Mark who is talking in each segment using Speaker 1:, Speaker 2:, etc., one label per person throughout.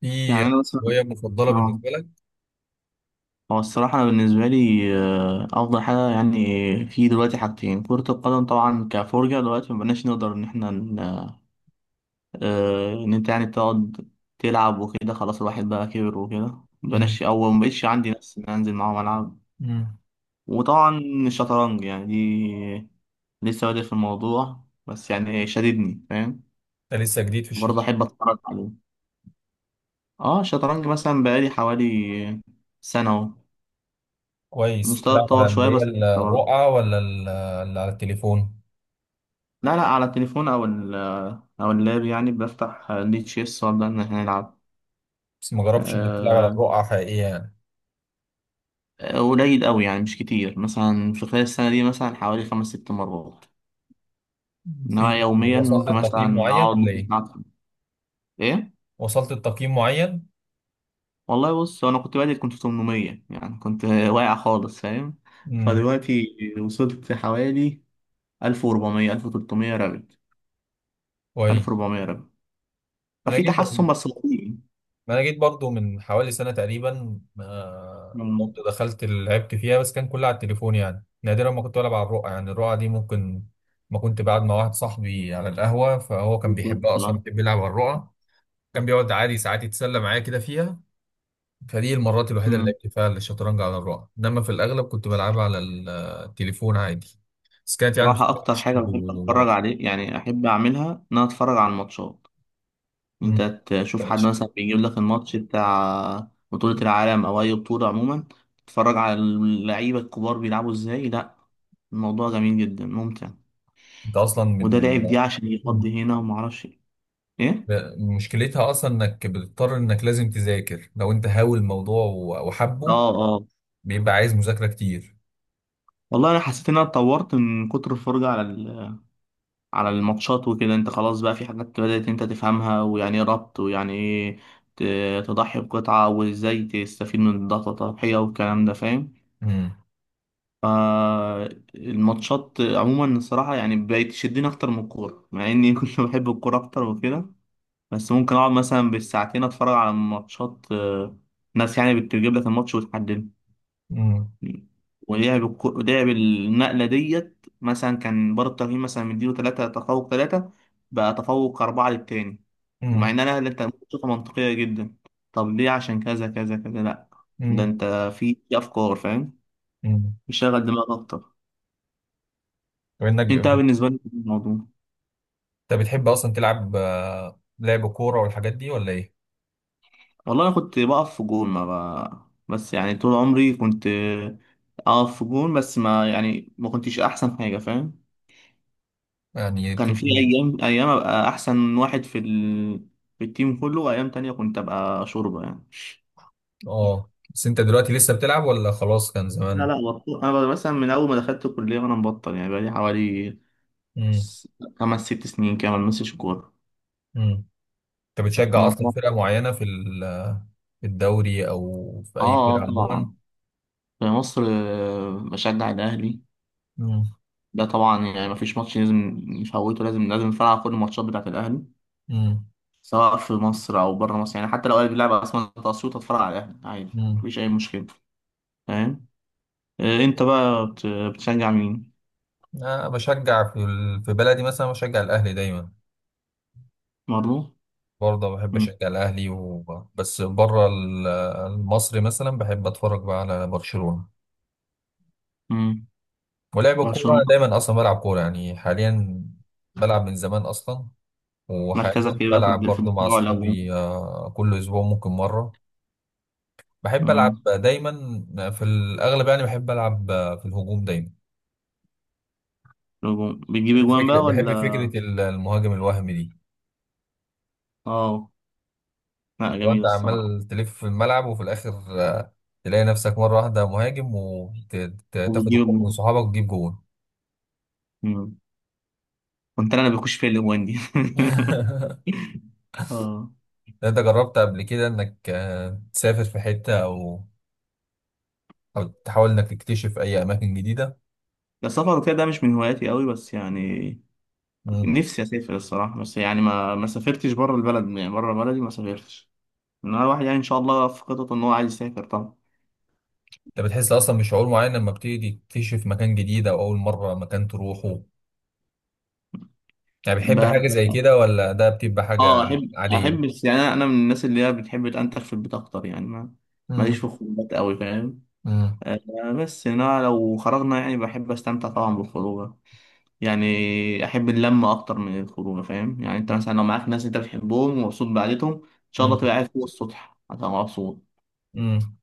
Speaker 1: في
Speaker 2: يعني أنا مثلا
Speaker 1: هواية مفضلة
Speaker 2: اه
Speaker 1: بالنسبة لك؟
Speaker 2: هو الصراحة أنا بالنسبة لي، أفضل حاجة يعني في دلوقتي حاجتين: كرة القدم طبعا كفرجة. دلوقتي مبقناش نقدر إن إحنا إن أنت يعني تقعد تلعب وكده، خلاص الواحد بقى كبر وكده،
Speaker 1: امم.
Speaker 2: مبقناش أو مبقتش عندي نفس إن أنا أنزل معاهم ألعب.
Speaker 1: امم.
Speaker 2: وطبعا الشطرنج يعني دي لسه بادئ في الموضوع، بس يعني شددني، فاهم؟
Speaker 1: أنت لسه جديد في
Speaker 2: برضه
Speaker 1: الشركة؟
Speaker 2: أحب أتفرج عليه. اه الشطرنج مثلا بقالي حوالي سنة أهو،
Speaker 1: كويس،
Speaker 2: المستوى
Speaker 1: بتلعب على
Speaker 2: اتطور
Speaker 1: اللي
Speaker 2: شوية
Speaker 1: هي
Speaker 2: بس.
Speaker 1: الرقعة ولا اللي على التليفون؟
Speaker 2: لا لا، على التليفون او اللاب، يعني بفتح ليه تشيس وابدا ان احنا نلعب.
Speaker 1: بس ما جربتش إنك تلعب على
Speaker 2: آه،
Speaker 1: الرقعة حقيقية يعني؟
Speaker 2: قليل قوي يعني، مش كتير، مثلا في خلال السنه دي مثلا حوالي خمس ست مرات.
Speaker 1: مم.
Speaker 2: انما يوميا
Speaker 1: وصلت
Speaker 2: ممكن
Speaker 1: لتقييم
Speaker 2: مثلا
Speaker 1: معين
Speaker 2: اقعد
Speaker 1: ولا
Speaker 2: نص
Speaker 1: إيه؟
Speaker 2: ساعه ألعب. ايه.
Speaker 1: وصلت لتقييم معين؟
Speaker 2: والله بص، هو انا كنت بادئ كنت 800، يعني كنت واقع خالص، فاهم؟
Speaker 1: امم
Speaker 2: فدلوقتي وصلت حوالي 1400، 1300 رابط،
Speaker 1: كويس.
Speaker 2: 1400 رابط.
Speaker 1: أنا
Speaker 2: ففي
Speaker 1: جيت
Speaker 2: تحسن بس بطيء.
Speaker 1: ما انا جيت برضو من حوالي سنة تقريبا،
Speaker 2: مم.
Speaker 1: برضو دخلت لعبت فيها بس كان كلها على التليفون، يعني نادرا ما كنت بلعب على الرقعة. يعني الرقعة دي، ممكن ما كنت قاعد مع واحد صاحبي على القهوة، فهو كان بيحبها
Speaker 2: بالظبط.
Speaker 1: اصلا، بيحب يلعب على الرقعة، كان بيقعد عادي ساعات يتسلى معايا كده فيها. فدي المرات الوحيدة اللي
Speaker 2: آه.
Speaker 1: لعبت فيها الشطرنج على الرقعة، انما في الاغلب كنت بلعبها على التليفون عادي. بس كانت يعني
Speaker 2: صراحة
Speaker 1: بصراحة
Speaker 2: أكتر حاجة بحب أتفرج عليه، يعني أحب أعملها إن أنا أتفرج على الماتشات. أنت
Speaker 1: مم.
Speaker 2: تشوف حد مثلا بيجيب لك الماتش بتاع بطولة العالم أو أي بطولة عموما، تتفرج على اللعيبة الكبار بيلعبوا إزاي، لأ الموضوع جميل جدا ممتع.
Speaker 1: انت اصلا
Speaker 2: وده
Speaker 1: من
Speaker 2: لعب دي عشان يقضي هنا ومعرفش إيه. إيه؟
Speaker 1: ب- مشكلتها اصلا انك بتضطر، انك لازم تذاكر لو انت هاوي الموضوع وحبه،
Speaker 2: آه آه.
Speaker 1: بيبقى عايز مذاكره كتير.
Speaker 2: والله أنا حسيت إن أنا اتطورت من كتر الفرجة على على الماتشات وكده، انت خلاص بقى في حاجات بدأت انت تفهمها، ويعني ايه ربط ويعني ايه تضحي بقطعة، وازاي تستفيد من الضغط، التضحية والكلام ده، فاهم؟
Speaker 1: امم.
Speaker 2: فالماتشات عموما الصراحة يعني بقت تشدني أكتر من الكورة، مع إني كنت بحب الكورة أكتر وكده. بس ممكن أقعد مثلا بالساعتين أتفرج على ماتشات. ناس يعني بتجيب لك الماتش وتحدده،
Speaker 1: امم.
Speaker 2: لعب النقلة ديت مثلا، كان بار التقييم مثلا مديله تلاتة تفوق تلاتة، بقى تفوق أربعة للتاني.
Speaker 1: امم.
Speaker 2: ومع إن أنا اللي أنت ممكن تشوفها منطقية جدا، طب ليه؟ عشان كذا كذا كذا، لأ ده
Speaker 1: امم.
Speaker 2: أنت في أفكار، فاهم؟
Speaker 1: امم.
Speaker 2: بيشغل دماغك أكتر.
Speaker 1: وانك
Speaker 2: أنت
Speaker 1: بت-
Speaker 2: بالنسبة لي الموضوع.
Speaker 1: انت بتحب اصلا تلعب لعب كوره والحاجات دي ولا ايه؟
Speaker 2: والله أنا كنت بقف في جون ما بقى. بس يعني طول عمري كنت أقف في جون، بس ما يعني ما كنتش أحسن حاجة، فاهم؟
Speaker 1: يعني بت-
Speaker 2: كان في ايام ايام ابقى احسن واحد في ال، في التيم كله، وايام تانية كنت ابقى شوربة يعني.
Speaker 1: اه بس انت دلوقتي لسه بتلعب ولا خلاص كان
Speaker 2: لا
Speaker 1: زمان؟
Speaker 2: لا، بطل، انا مثلا من اول ما دخلت الكلية وانا مبطل، يعني بقالي حوالي
Speaker 1: امم.
Speaker 2: س- خمس ست سنين كده ما بلمسش كورة.
Speaker 1: امم. انت بتشجع اصلا
Speaker 2: الموضوع-
Speaker 1: فرقه معينه في في الدوري او في
Speaker 2: اه،
Speaker 1: اي فرقه عموما؟
Speaker 2: طبعا. في مصر بشجع الاهلي.
Speaker 1: امم.
Speaker 2: ده طبعا، يعني ما فيش ماتش لازم نفوته، لازم لازم اتفرج على كل الماتشات بتاعت الاهلي، سواء في مصر او بره مصر. يعني حتى لو الاهلي بيلعب اصلا تقسيط، اتفرج على الاهلي عادي،
Speaker 1: امم.
Speaker 2: مفيش اي مشكلة، فاهم؟ انت بقى بتشجع مين؟
Speaker 1: أنا بشجع في في بلدي، مثلا بشجع الأهلي دايما،
Speaker 2: برضه.
Speaker 1: برضه بحب
Speaker 2: مم.
Speaker 1: أشجع الأهلي و... بس بره المصري مثلا بحب أتفرج بقى على برشلونة.
Speaker 2: مم.
Speaker 1: ولعب الكورة
Speaker 2: برشلونة.
Speaker 1: أنا دايما أصلا بلعب كورة يعني حاليا، بلعب من زمان أصلا. وحاليا
Speaker 2: مركزك ايه بقى
Speaker 1: بلعب
Speaker 2: في
Speaker 1: برضه مع
Speaker 2: الدفاع ولا الهجوم؟
Speaker 1: أصحابي، كل أسبوع ممكن مرة. بحب ألعب
Speaker 2: مم.
Speaker 1: دايما في الأغلب يعني، بحب ألعب في الهجوم دايما.
Speaker 2: الهجوم. بتجيب اجوان بقى ولا؟
Speaker 1: بحب فكرة المهاجم الوهمي دي،
Speaker 2: اه لا،
Speaker 1: لو
Speaker 2: جميلة
Speaker 1: انت
Speaker 2: الصراحة.
Speaker 1: عمال تلف في الملعب وفي الاخر آه، تلاقي نفسك مره واحده مهاجم، وتاخد
Speaker 2: وبتجيب
Speaker 1: الكوره من
Speaker 2: اجوان.
Speaker 1: صحابك وتجيب جون.
Speaker 2: مم. كنت انا اللي بخش في الاجوان دي اه.
Speaker 1: انت جربت قبل كده انك تسافر في حته او تحاول انك تكتشف اي اماكن جديده؟
Speaker 2: ده السفر وكده ده مش من هواياتي قوي، بس يعني
Speaker 1: مم.
Speaker 2: نفسي اسافر الصراحة، بس يعني ما سافرتش بره البلد، يعني بره بلدي ما سافرتش. ان انا واحد يعني ان شاء الله في خطط ان هو عايز يسافر طبعا.
Speaker 1: انت بتحس اصلا بشعور معين لما بتيجي تكتشف مكان جديد او اول مره مكان تروحه؟ يعني
Speaker 2: ب...
Speaker 1: بتحب حاجه زي كده، ولا ده بتبقى حاجه
Speaker 2: اه احب
Speaker 1: عاديه؟
Speaker 2: يعني انا من الناس اللي هي بتحب تنتخ في البيت اكتر، يعني ما ماليش في
Speaker 1: امم.
Speaker 2: الخروجات قوي، فاهم؟
Speaker 1: امم.
Speaker 2: بس يعني انا لو خرجنا يعني بحب استمتع طبعا بالخروجه، يعني احب اللمه اكتر من الخروجه، فاهم؟ يعني انت مثلا لو معاك ناس انت بتحبهم ومبسوط بعدتهم ان شاء الله، تبقى قاعد فوق السطح هتبقى مبسوط.
Speaker 1: امم.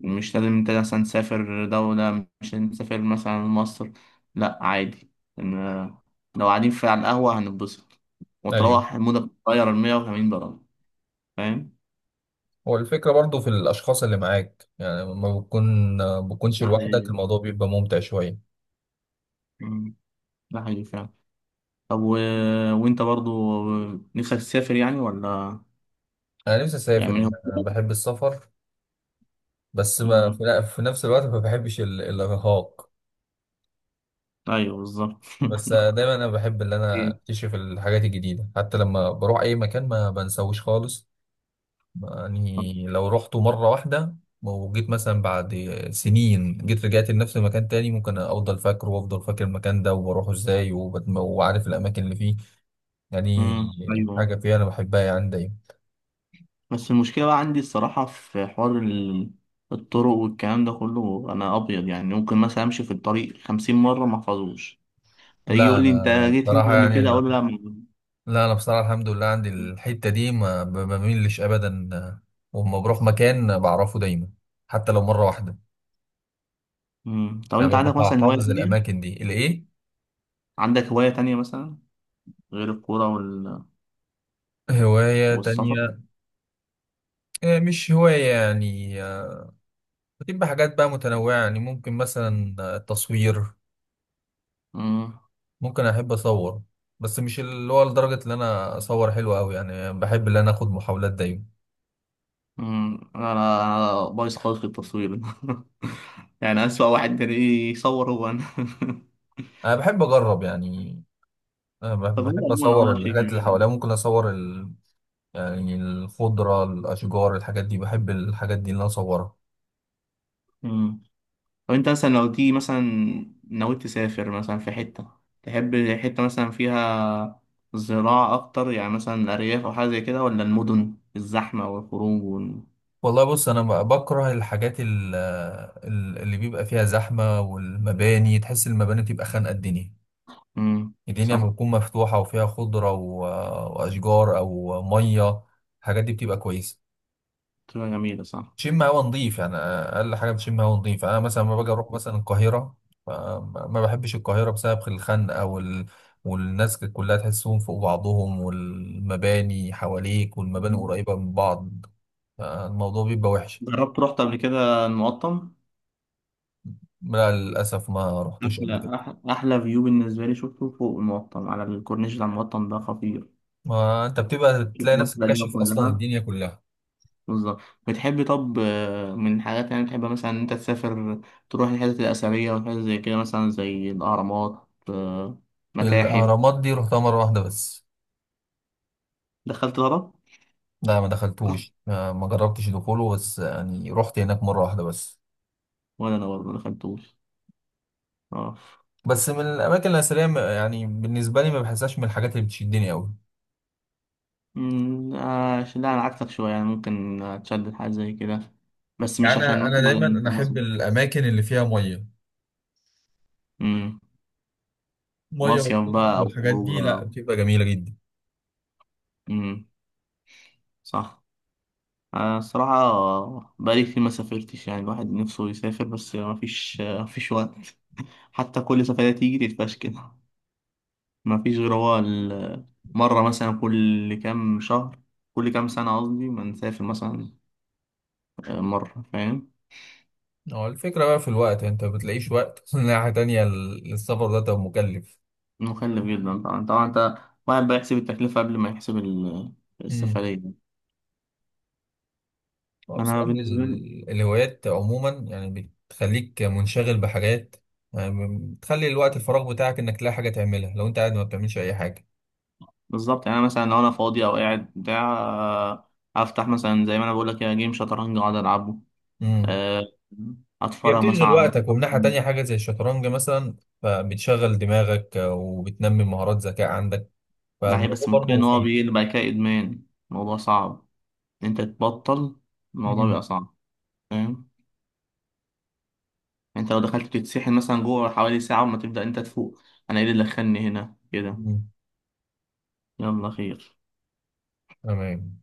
Speaker 2: مش لازم انت مثلا تسافر دوله، مش لازم تسافر مثلا مصر. لا عادي، إن- لو قاعدين في على القهوه هنتبسط،
Speaker 1: ايوه،
Speaker 2: وتروح مودك تغير ال 180 درجه، فاهم؟
Speaker 1: هو الفكرة برضو في الأشخاص اللي معاك، يعني لما بتكونش
Speaker 2: ده
Speaker 1: لوحدك
Speaker 2: حقيقي.
Speaker 1: الموضوع بيبقى ممتع شوية.
Speaker 2: مم. ده حقيقي فعلا. طب وانت برضو نفسك تسافر يعني ولا؟
Speaker 1: أنا نفسي
Speaker 2: يعني
Speaker 1: أسافر،
Speaker 2: من
Speaker 1: أنا
Speaker 2: هواياتك؟
Speaker 1: بحب السفر. بس ما
Speaker 2: مم.
Speaker 1: في في نفس الوقت ما بحبش الإرهاق.
Speaker 2: ايوه بالظبط.
Speaker 1: بس دايما أنا بحب إن أنا
Speaker 2: إيه.
Speaker 1: أكتشف الحاجات الجديدة، حتى لما بروح أي مكان ما بنساوش خالص. يعني لو رحته مرة واحدة وجيت مثلا بعد سنين، جيت رجعت لنفس المكان تاني، ممكن أفضل فاكره وأفضل فاكر المكان ده وبروحه إزاي، وعارف الأماكن اللي فيه. يعني
Speaker 2: مم. ايوه.
Speaker 1: حاجة فيها أنا بحبها يعني دايما.
Speaker 2: بس المشكله بقى عندي الصراحه في حوار الطرق والكلام ده كله، انا ابيض، يعني ممكن مثلا امشي في الطريق 50 مره ما احفظوش، فيجي
Speaker 1: لا
Speaker 2: يقول
Speaker 1: أنا
Speaker 2: لي انت جيت
Speaker 1: بصراحة
Speaker 2: هنا قبل
Speaker 1: يعني
Speaker 2: كده،
Speaker 1: ال...
Speaker 2: اقول له لا
Speaker 1: لا أنا بصراحة الحمد لله عندي الحتة دي، ما بميلش أبدا، وأما بروح مكان بعرفه دايما حتى لو مرة واحدة،
Speaker 2: مم. طب انت
Speaker 1: يعني
Speaker 2: عندك
Speaker 1: ببقى
Speaker 2: مثلا هوايه
Speaker 1: حافظ
Speaker 2: تانية؟
Speaker 1: الأماكن دي الإيه.
Speaker 2: عندك هوايه تانية مثلا غير الكوره
Speaker 1: هواية
Speaker 2: والسفر؟
Speaker 1: تانية؟ مش هواية يعني، بتبقى حاجات بقى متنوعة، يعني ممكن مثلا التصوير، ممكن أحب أصور. بس مش اللي هو لدرجة إن أنا أصور حلو أوي، يعني بحب إن أنا آخد محاولات دايما.
Speaker 2: انا بايظ خالص في التصوير. يعني اسوأ واحد تلاقيه يصور هو انا.
Speaker 1: أنا بحب أجرب يعني،
Speaker 2: طب هو
Speaker 1: بحب
Speaker 2: عموما
Speaker 1: أصور
Speaker 2: شيء
Speaker 1: الحاجات اللي
Speaker 2: جميل.
Speaker 1: حواليا، ممكن أصور ال... يعني الخضرة، الأشجار، الحاجات دي بحب الحاجات دي اللي أنا أصورها.
Speaker 2: مم. طب انت مثلا لو تيجي مثلا ناوي تسافر مثلا في حتة، تحب حتة مثلا فيها زراعة أكتر، يعني مثلا أرياف أو حاجة زي كده، ولا المدن الزحمة والخروج
Speaker 1: والله بص أنا بكره الحاجات اللي بيبقى فيها زحمة، والمباني تحس المباني بتبقى خانقة. الدنيا،
Speaker 2: مم،
Speaker 1: الدنيا لما
Speaker 2: صح.
Speaker 1: بتكون مفتوحة وفيها خضرة و... وأشجار أو مية، الحاجات دي بتبقى كويسة.
Speaker 2: تبقى جميلة صح.
Speaker 1: بتشم هوا نظيف يعني، اقل حاجه بتشم هوا نظيف. انا مثلا لما باجي اروح مثلا القاهره، ما بحبش القاهره بسبب الخنقه وال... والناس كلها تحسهم فوق بعضهم، والمباني حواليك والمباني
Speaker 2: مم.
Speaker 1: قريبه من بعض، الموضوع بيبقى وحش.
Speaker 2: جربت رحت قبل كده المقطم؟
Speaker 1: لا للاسف ما رحتوش قبل كده.
Speaker 2: أحلى فيو بالنسبة لي شفته فوق المقطم على الكورنيش بتاع المقطم، ده خطير.
Speaker 1: ما انت بتبقى
Speaker 2: شوف
Speaker 1: تلاقي
Speaker 2: مصر
Speaker 1: نفسك
Speaker 2: القديمة
Speaker 1: كاشف اصلا
Speaker 2: كلها،
Speaker 1: الدنيا كلها.
Speaker 2: بالظبط. بتحب طب من الحاجات يعني بتحب مثلا إن أنت تسافر، تروح الحتت الأثرية والحاجات زي كده، مثلا زي الأهرامات، متاحف؟
Speaker 1: الاهرامات دي رحتها مره واحده بس.
Speaker 2: دخلت الهرم؟
Speaker 1: لا ما دخلتوش، ما جربتش دخوله، بس يعني رحت هناك مره واحده بس.
Speaker 2: ولا أنا برضه مدخلتوش. أه.
Speaker 1: بس من الاماكن الاثريه يعني بالنسبه لي ما بحسهاش من الحاجات اللي بتشدني قوي.
Speaker 2: أمم، آه، عشان لا أنا عكسك شوية، يعني ممكن أتشدد حاجة زي كده، بس
Speaker 1: يعني
Speaker 2: مش عشان
Speaker 1: انا دايما
Speaker 2: مثلا في
Speaker 1: انا
Speaker 2: مصر.
Speaker 1: احب الاماكن اللي فيها ميه،
Speaker 2: أمم،
Speaker 1: ميه
Speaker 2: مصيف
Speaker 1: والبحر
Speaker 2: بقى أو
Speaker 1: والحاجات
Speaker 2: خروج
Speaker 1: دي، لا بتبقى جميله جدا.
Speaker 2: أمم، صح. انا الصراحه بقالي كتير ما سافرتش، يعني الواحد نفسه يسافر، بس ما فيش وقت، حتى كل سفرية تيجي تتفشكل. ما فيش غير هو مرة مثلا كل كام شهر، كل كام سنة قصدي، ما نسافر مثلا مرة، فاهم؟
Speaker 1: هو الفكره بقى في الوقت، انت ما بتلاقيش وقت. ناحيه تانية السفر ده تبقى مكلف.
Speaker 2: مكلف جدا طبعا طبعا. انت واحد بقى يحسب التكلفة قبل ما يحسب
Speaker 1: امم.
Speaker 2: السفرية.
Speaker 1: هو
Speaker 2: انا
Speaker 1: بصراحه
Speaker 2: بالنسبة لي
Speaker 1: الهوايات عموما يعني بتخليك منشغل بحاجات، يعني بتخلي الوقت الفراغ بتاعك انك تلاقي حاجه تعملها. لو انت قاعد ما بتعملش اي حاجه.
Speaker 2: بالظبط، يعني أنا مثلا لو انا فاضي او قاعد بتاع، افتح مثلا زي ما انا بقول لك كده جيم شطرنج اقعد العبه.
Speaker 1: امم.
Speaker 2: آه،
Speaker 1: هي
Speaker 2: اتفرج مثلا
Speaker 1: بتشغل
Speaker 2: على
Speaker 1: وقتك، ومن ناحية تانية
Speaker 2: المصحف.
Speaker 1: حاجة زي الشطرنج مثلا فبتشغل دماغك، وبتنمي مهارات ذكاء عندك،
Speaker 2: ده هي
Speaker 1: فالموضوع
Speaker 2: بس المشكله
Speaker 1: برضه
Speaker 2: ان هو
Speaker 1: مفيد.
Speaker 2: بيجي بعد كده ادمان، الموضوع صعب إن انت تبطل، الموضوع
Speaker 1: مم.
Speaker 2: بيبقى صعب، فاهم؟ انت لو دخلت تتسحل مثلا جوه حوالي ساعه وما تبدا انت تفوق، انا ايه اللي دخلني هنا كده.
Speaker 1: مم.
Speaker 2: يلا خير.
Speaker 1: تمام.